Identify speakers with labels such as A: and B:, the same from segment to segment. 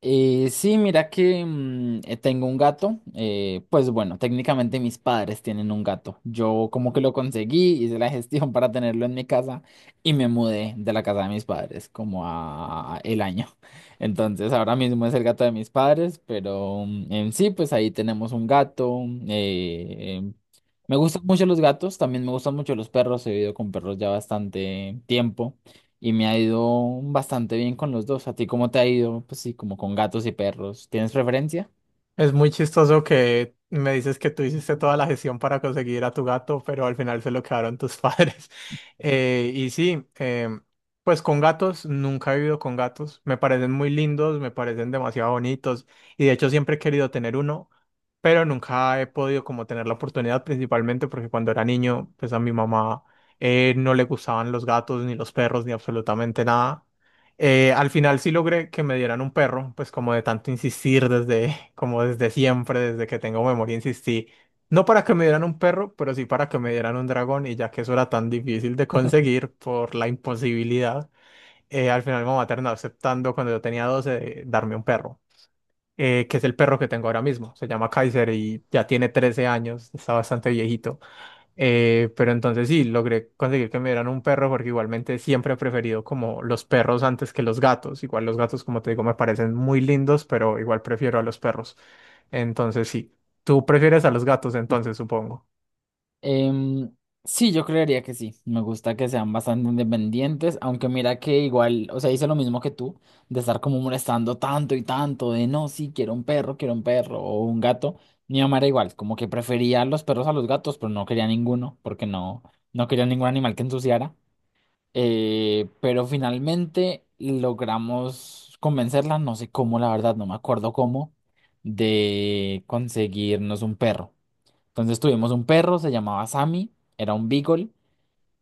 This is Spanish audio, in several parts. A: Sí, mira que tengo un gato. Pues bueno, técnicamente mis padres tienen un gato. Yo como que lo conseguí, hice la gestión para tenerlo en mi casa y me mudé de la casa de mis padres como a el año. Entonces ahora mismo es el gato de mis padres, pero en sí, pues ahí tenemos un gato. eh, em, Me gustan mucho los gatos, también me gustan mucho los perros. He vivido con perros ya bastante tiempo y me ha ido bastante bien con los dos. ¿A ti cómo te ha ido? Pues sí, como con gatos y perros. ¿Tienes preferencia?
B: Es muy chistoso que me dices que tú hiciste toda la gestión para conseguir a tu gato, pero al final se lo quedaron tus padres. Y sí, em, pues con gatos, nunca he vivido con gatos. Me parecen muy lindos, me parecen demasiado bonitos, y de hecho siempre he querido tener uno, pero nunca he podido como tener la oportunidad, principalmente porque cuando era niño, pues a mi mamá no le gustaban los gatos, ni los perros, ni absolutamente nada. Al final sí logré que me dieran un perro, pues como de tanto insistir desde, como desde siempre, desde que tengo memoria, insistí. No para que me dieran un perro, pero sí para que me dieran un dragón, y ya que eso era tan difícil de conseguir por la imposibilidad, al final mi mamá terminó aceptando cuando yo tenía 12 de darme un perro, que es el perro que tengo ahora mismo. Se llama Kaiser y ya tiene 13 años, está bastante viejito. Pero entonces sí, logré conseguir que me dieran un perro porque igualmente siempre he preferido como los perros antes que los gatos. Igual los gatos, como te digo, me parecen muy lindos, pero igual prefiero a los perros. Entonces sí, tú prefieres a los gatos entonces, supongo.
A: Em, sí, yo creería que sí. Me gusta que sean bastante independientes, aunque mira que igual, o sea, hice lo mismo que tú, de estar como molestando tanto y tanto, de no, sí, quiero un perro o un gato. Mi mamá era igual, como que prefería los perros a los gatos, pero no quería ninguno, porque no, no quería ningún animal que ensuciara. Pero finalmente logramos convencerla, no sé cómo, la verdad, no me acuerdo cómo, de conseguirnos un perro. Entonces tuvimos un perro, se llamaba Sammy, era un beagle,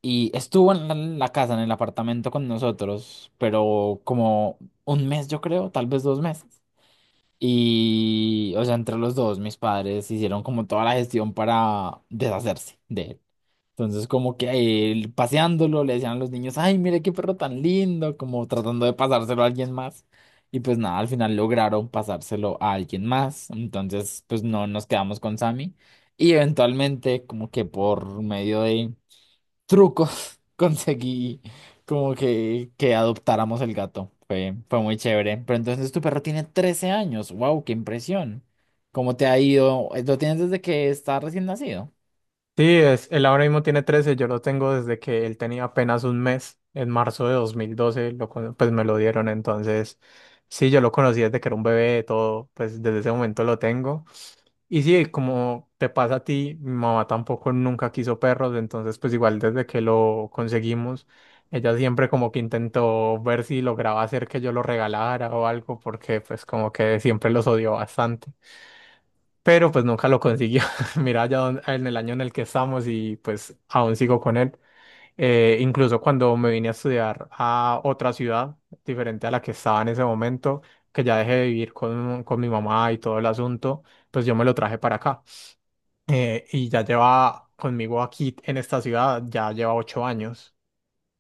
A: y estuvo en la casa, en el apartamento con nosotros, pero como 1 mes, yo creo, tal vez 2 meses. Y, o sea, entre los dos, mis padres hicieron como toda la gestión para deshacerse de él. Entonces, como que él, paseándolo, le decían a los niños, ay, mire qué perro tan lindo, como tratando de pasárselo a alguien más. Y pues nada, al final lograron pasárselo a alguien más. Entonces, pues no nos quedamos con Sammy. Y eventualmente, como que por medio de trucos conseguí como que adoptáramos el gato. Fue muy chévere. Pero entonces tu perro tiene 13 años. ¡Wow! ¡Qué impresión! ¿Cómo te ha ido? ¿Lo tienes desde que está recién nacido?
B: Sí, él ahora mismo tiene 13, yo lo tengo desde que él tenía apenas 1 mes, en marzo de 2012, pues me lo dieron, entonces sí, yo lo conocí desde que era un bebé, todo, pues desde ese momento lo tengo. Y sí, como te pasa a ti, mi mamá tampoco nunca quiso perros, entonces pues igual desde que lo conseguimos, ella siempre como que intentó ver si lograba hacer que yo lo regalara o algo, porque pues como que siempre los odió bastante, pero pues nunca lo consiguió. Mira, ya en el año en el que estamos y pues aún sigo con él. Incluso cuando me vine a estudiar a otra ciudad diferente a la que estaba en ese momento, que ya dejé de vivir con mi mamá y todo el asunto, pues yo me lo traje para acá, y ya lleva conmigo aquí en esta ciudad, ya lleva 8 años.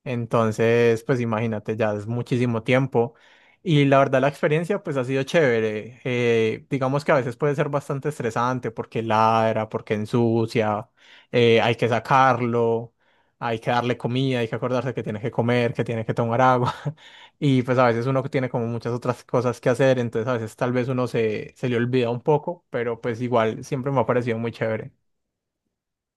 B: Entonces, pues imagínate, ya es muchísimo tiempo. Y la verdad, la experiencia pues ha sido chévere. Digamos que a veces puede ser bastante estresante porque ladra, porque ensucia, hay que sacarlo, hay que darle comida, hay que acordarse que tiene que comer, que tiene que tomar agua. Y pues a veces uno tiene como muchas otras cosas que hacer, entonces a veces tal vez uno se le olvida un poco, pero pues igual siempre me ha parecido muy chévere.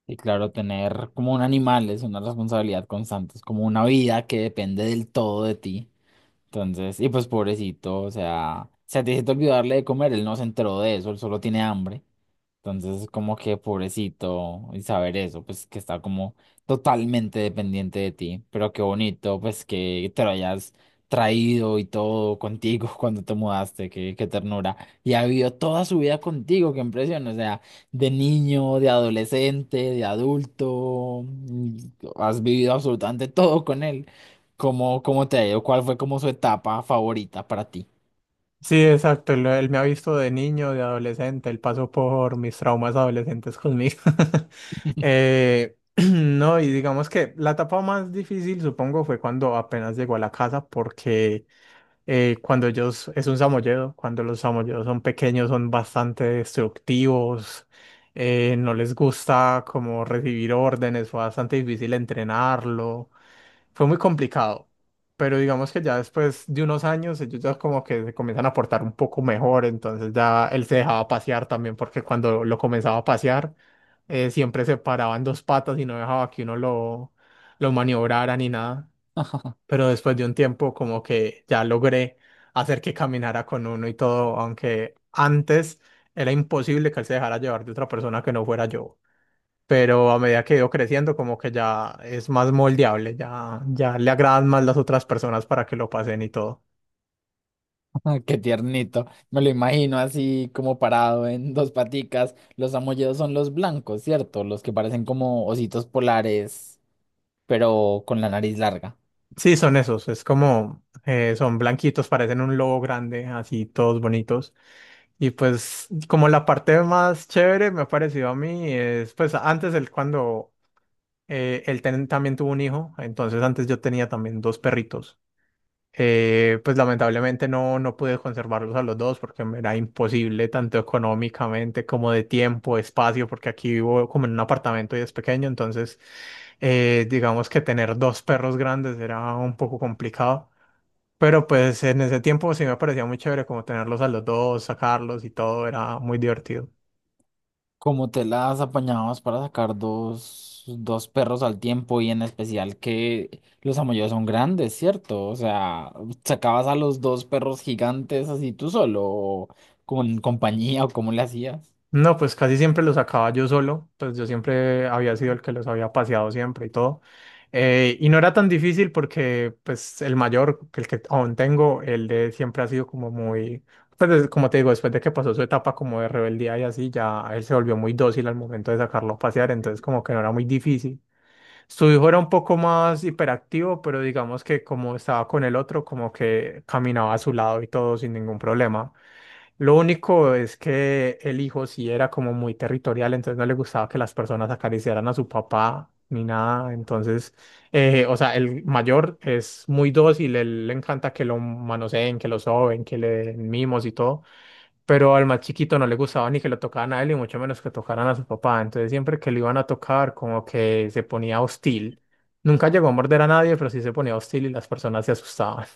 A: Y claro, tener como un animal es una responsabilidad constante, es como una vida que depende del todo de ti. Entonces, y pues pobrecito, o sea, se te hiciste olvidarle de comer, él no se enteró de eso, él solo tiene hambre. Entonces, como que pobrecito, y saber eso, pues que está como totalmente dependiente de ti, pero qué bonito, pues que te lo hayas traído y todo contigo cuando te mudaste, qué ternura. Y ha vivido toda su vida contigo, qué impresión, o sea, de niño, de adolescente, de adulto, has vivido absolutamente todo con él. ¿Cómo te ha ido? ¿Cuál fue como su etapa favorita para ti?
B: Sí, exacto. Él me ha visto de niño, de adolescente. Él pasó por mis traumas adolescentes conmigo. No, y digamos que la etapa más difícil, supongo, fue cuando apenas llegó a la casa, porque cuando ellos, es un samoyedo, cuando los samoyedos son pequeños, son bastante destructivos, no les gusta como recibir órdenes, fue bastante difícil entrenarlo, fue muy complicado, pero digamos que ya después de unos años ellos ya como que se comienzan a portar un poco mejor, entonces ya él se dejaba pasear también porque cuando lo comenzaba a pasear, siempre se paraba en dos patas y no dejaba que uno lo maniobrara ni nada, pero después de un tiempo como que ya logré hacer que caminara con uno y todo, aunque antes era imposible que él se dejara llevar de otra persona que no fuera yo, pero a medida que he ido creciendo, como que ya es más moldeable, ya, ya le agradan más las otras personas para que lo pasen y todo.
A: Ah, qué tiernito. Me lo imagino así como parado en dos paticas. Los amolledos son los blancos, ¿cierto? Los que parecen como ositos polares, pero con la nariz larga.
B: Sí, son esos, es como, son blanquitos, parecen un lobo grande, así todos bonitos. Y pues como la parte más chévere me ha parecido a mí es, pues antes él cuando, también tuvo un hijo, entonces antes yo tenía también dos perritos. Pues lamentablemente no pude conservarlos a los dos porque me era imposible tanto económicamente como de tiempo, espacio, porque aquí vivo como en un apartamento y es pequeño, entonces digamos que tener dos perros grandes era un poco complicado, pero pues en ese tiempo sí me parecía muy chévere como tenerlos a los dos, sacarlos y todo, era muy divertido.
A: ¿Cómo te las apañabas para sacar dos perros al tiempo y en especial que los amolledos son grandes, ¿cierto? O sea, ¿sacabas a los dos perros gigantes así tú solo o con compañía o cómo le hacías?
B: No, pues casi siempre los sacaba yo solo, pues yo siempre había sido el que los había paseado siempre y todo. Y no era tan difícil porque pues el mayor, que el que aún tengo, el de siempre ha sido como muy, pues como te digo, después de que pasó su etapa como de rebeldía y así, ya él se volvió muy dócil al momento de sacarlo a pasear, entonces como que no era muy difícil. Su hijo era un poco más hiperactivo, pero digamos que como estaba con el otro, como que caminaba a su lado y todo sin ningún problema. Lo único es que el hijo sí era como muy territorial, entonces no le gustaba que las personas acariciaran a su papá ni nada. Entonces, o sea, el mayor es muy dócil, él le encanta que lo manoseen, que lo soben, que le den mimos y todo. Pero al más chiquito no le gustaba ni que lo tocaran a él y mucho menos que tocaran a su papá. Entonces, siempre que lo iban a tocar, como que se ponía hostil. Nunca llegó a morder a nadie, pero sí se ponía hostil y las personas se asustaban.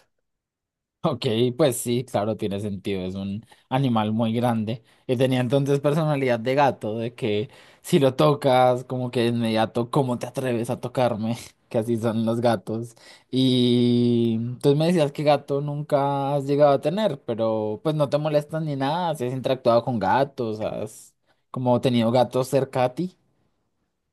A: Ok, pues sí, claro, tiene sentido, es un animal muy grande. Y tenía entonces personalidad de gato, de que si lo tocas, como que de inmediato, ¿cómo te atreves a tocarme? Que así son los gatos. Y entonces me decías que gato nunca has llegado a tener, pero pues no te molestas ni nada, si has interactuado con gatos, has como tenido gatos cerca a ti.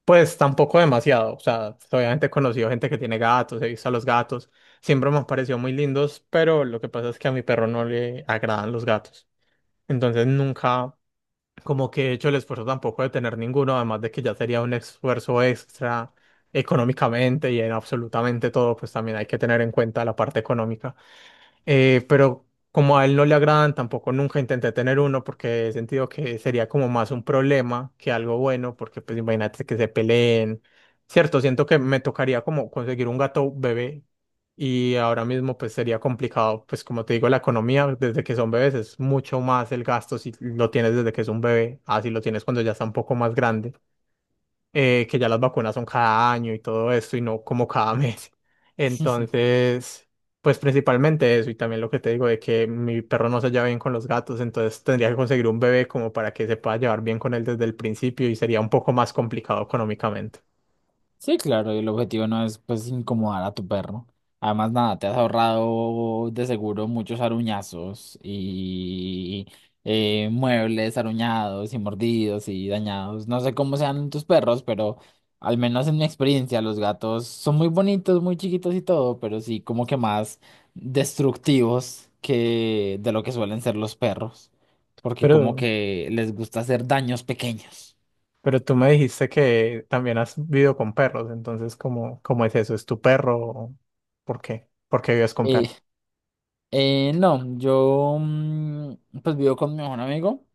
B: Pues tampoco demasiado, o sea, obviamente he conocido gente que tiene gatos, he visto a los gatos, siempre me han parecido muy lindos, pero lo que pasa es que a mi perro no le agradan los gatos, entonces nunca como que he hecho el esfuerzo tampoco de tener ninguno, además de que ya sería un esfuerzo extra económicamente y en absolutamente todo, pues también hay que tener en cuenta la parte económica. Pero como a él no le agradan, tampoco nunca intenté tener uno porque he sentido que sería como más un problema que algo bueno, porque pues imagínate que se peleen. Cierto, siento que me tocaría como conseguir un gato bebé, y ahora mismo pues sería complicado, pues como te digo, la economía desde que son bebés es mucho más el gasto si lo tienes desde que es un bebé, así lo tienes cuando ya está un poco más grande, que ya las vacunas son cada año y todo esto y no como cada mes. Entonces, pues principalmente eso y también lo que te digo de que mi perro no se lleva bien con los gatos, entonces tendría que conseguir un bebé como para que se pueda llevar bien con él desde el principio y sería un poco más complicado económicamente.
A: Sí, claro, y el objetivo no es pues incomodar a tu perro. Además, nada, te has ahorrado de seguro muchos aruñazos y muebles aruñados y mordidos y dañados. No sé cómo sean tus perros, pero al menos en mi experiencia, los gatos son muy bonitos, muy chiquitos y todo, pero sí como que más destructivos que de lo que suelen ser los perros, porque como
B: Pero,
A: que les gusta hacer daños pequeños.
B: pero tú me dijiste que también has vivido con perros, entonces ¿cómo, cómo es eso? ¿Es tu perro? ¿Por qué? ¿Por qué vives con
A: Eh,
B: perros?
A: No, yo pues vivo con mi mejor amigo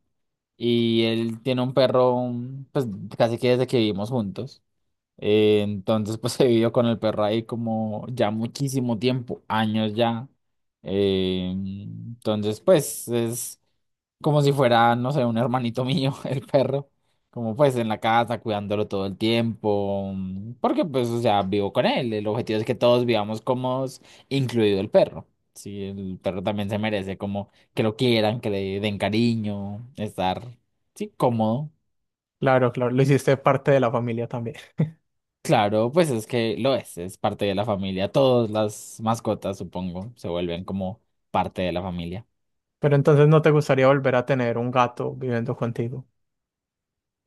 A: y él tiene un perro pues casi que desde que vivimos juntos. Entonces pues he vivido con el perro ahí como ya muchísimo tiempo, años ya. Entonces pues es como si fuera, no sé, un hermanito mío, el perro, como pues en la casa, cuidándolo todo el tiempo, porque pues, o sea, vivo con él, el objetivo es que todos vivamos cómodos, incluido el perro. Sí, el perro también se merece como que lo quieran, que le den cariño, estar, sí, cómodo.
B: Claro, claro, lo hiciste parte de la familia también.
A: Claro, pues es que lo es parte de la familia. Todas las mascotas, supongo, se vuelven como parte de la familia.
B: Pero entonces no te gustaría volver a tener un gato viviendo contigo.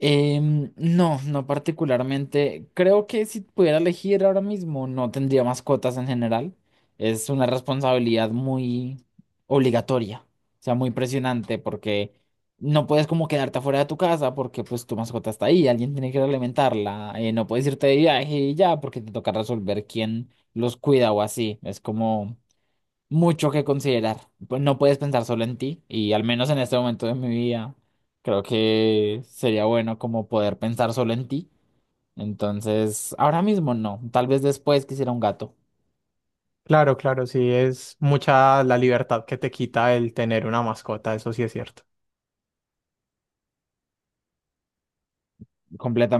A: No, no particularmente. Creo que si pudiera elegir ahora mismo, no tendría mascotas en general. Es una responsabilidad muy obligatoria, o sea, muy presionante porque no puedes como quedarte afuera de tu casa porque pues tu mascota está ahí, alguien tiene que alimentarla, no puedes irte de viaje y ya porque te toca resolver quién los cuida o así. Es como mucho que considerar. Pues no puedes pensar solo en ti y al menos en este momento de mi vida creo que sería bueno como poder pensar solo en ti. Entonces, ahora mismo no, tal vez después quisiera un gato.
B: Claro, claro, sí, es mucha la libertad que te quita el tener una mascota, eso sí es cierto.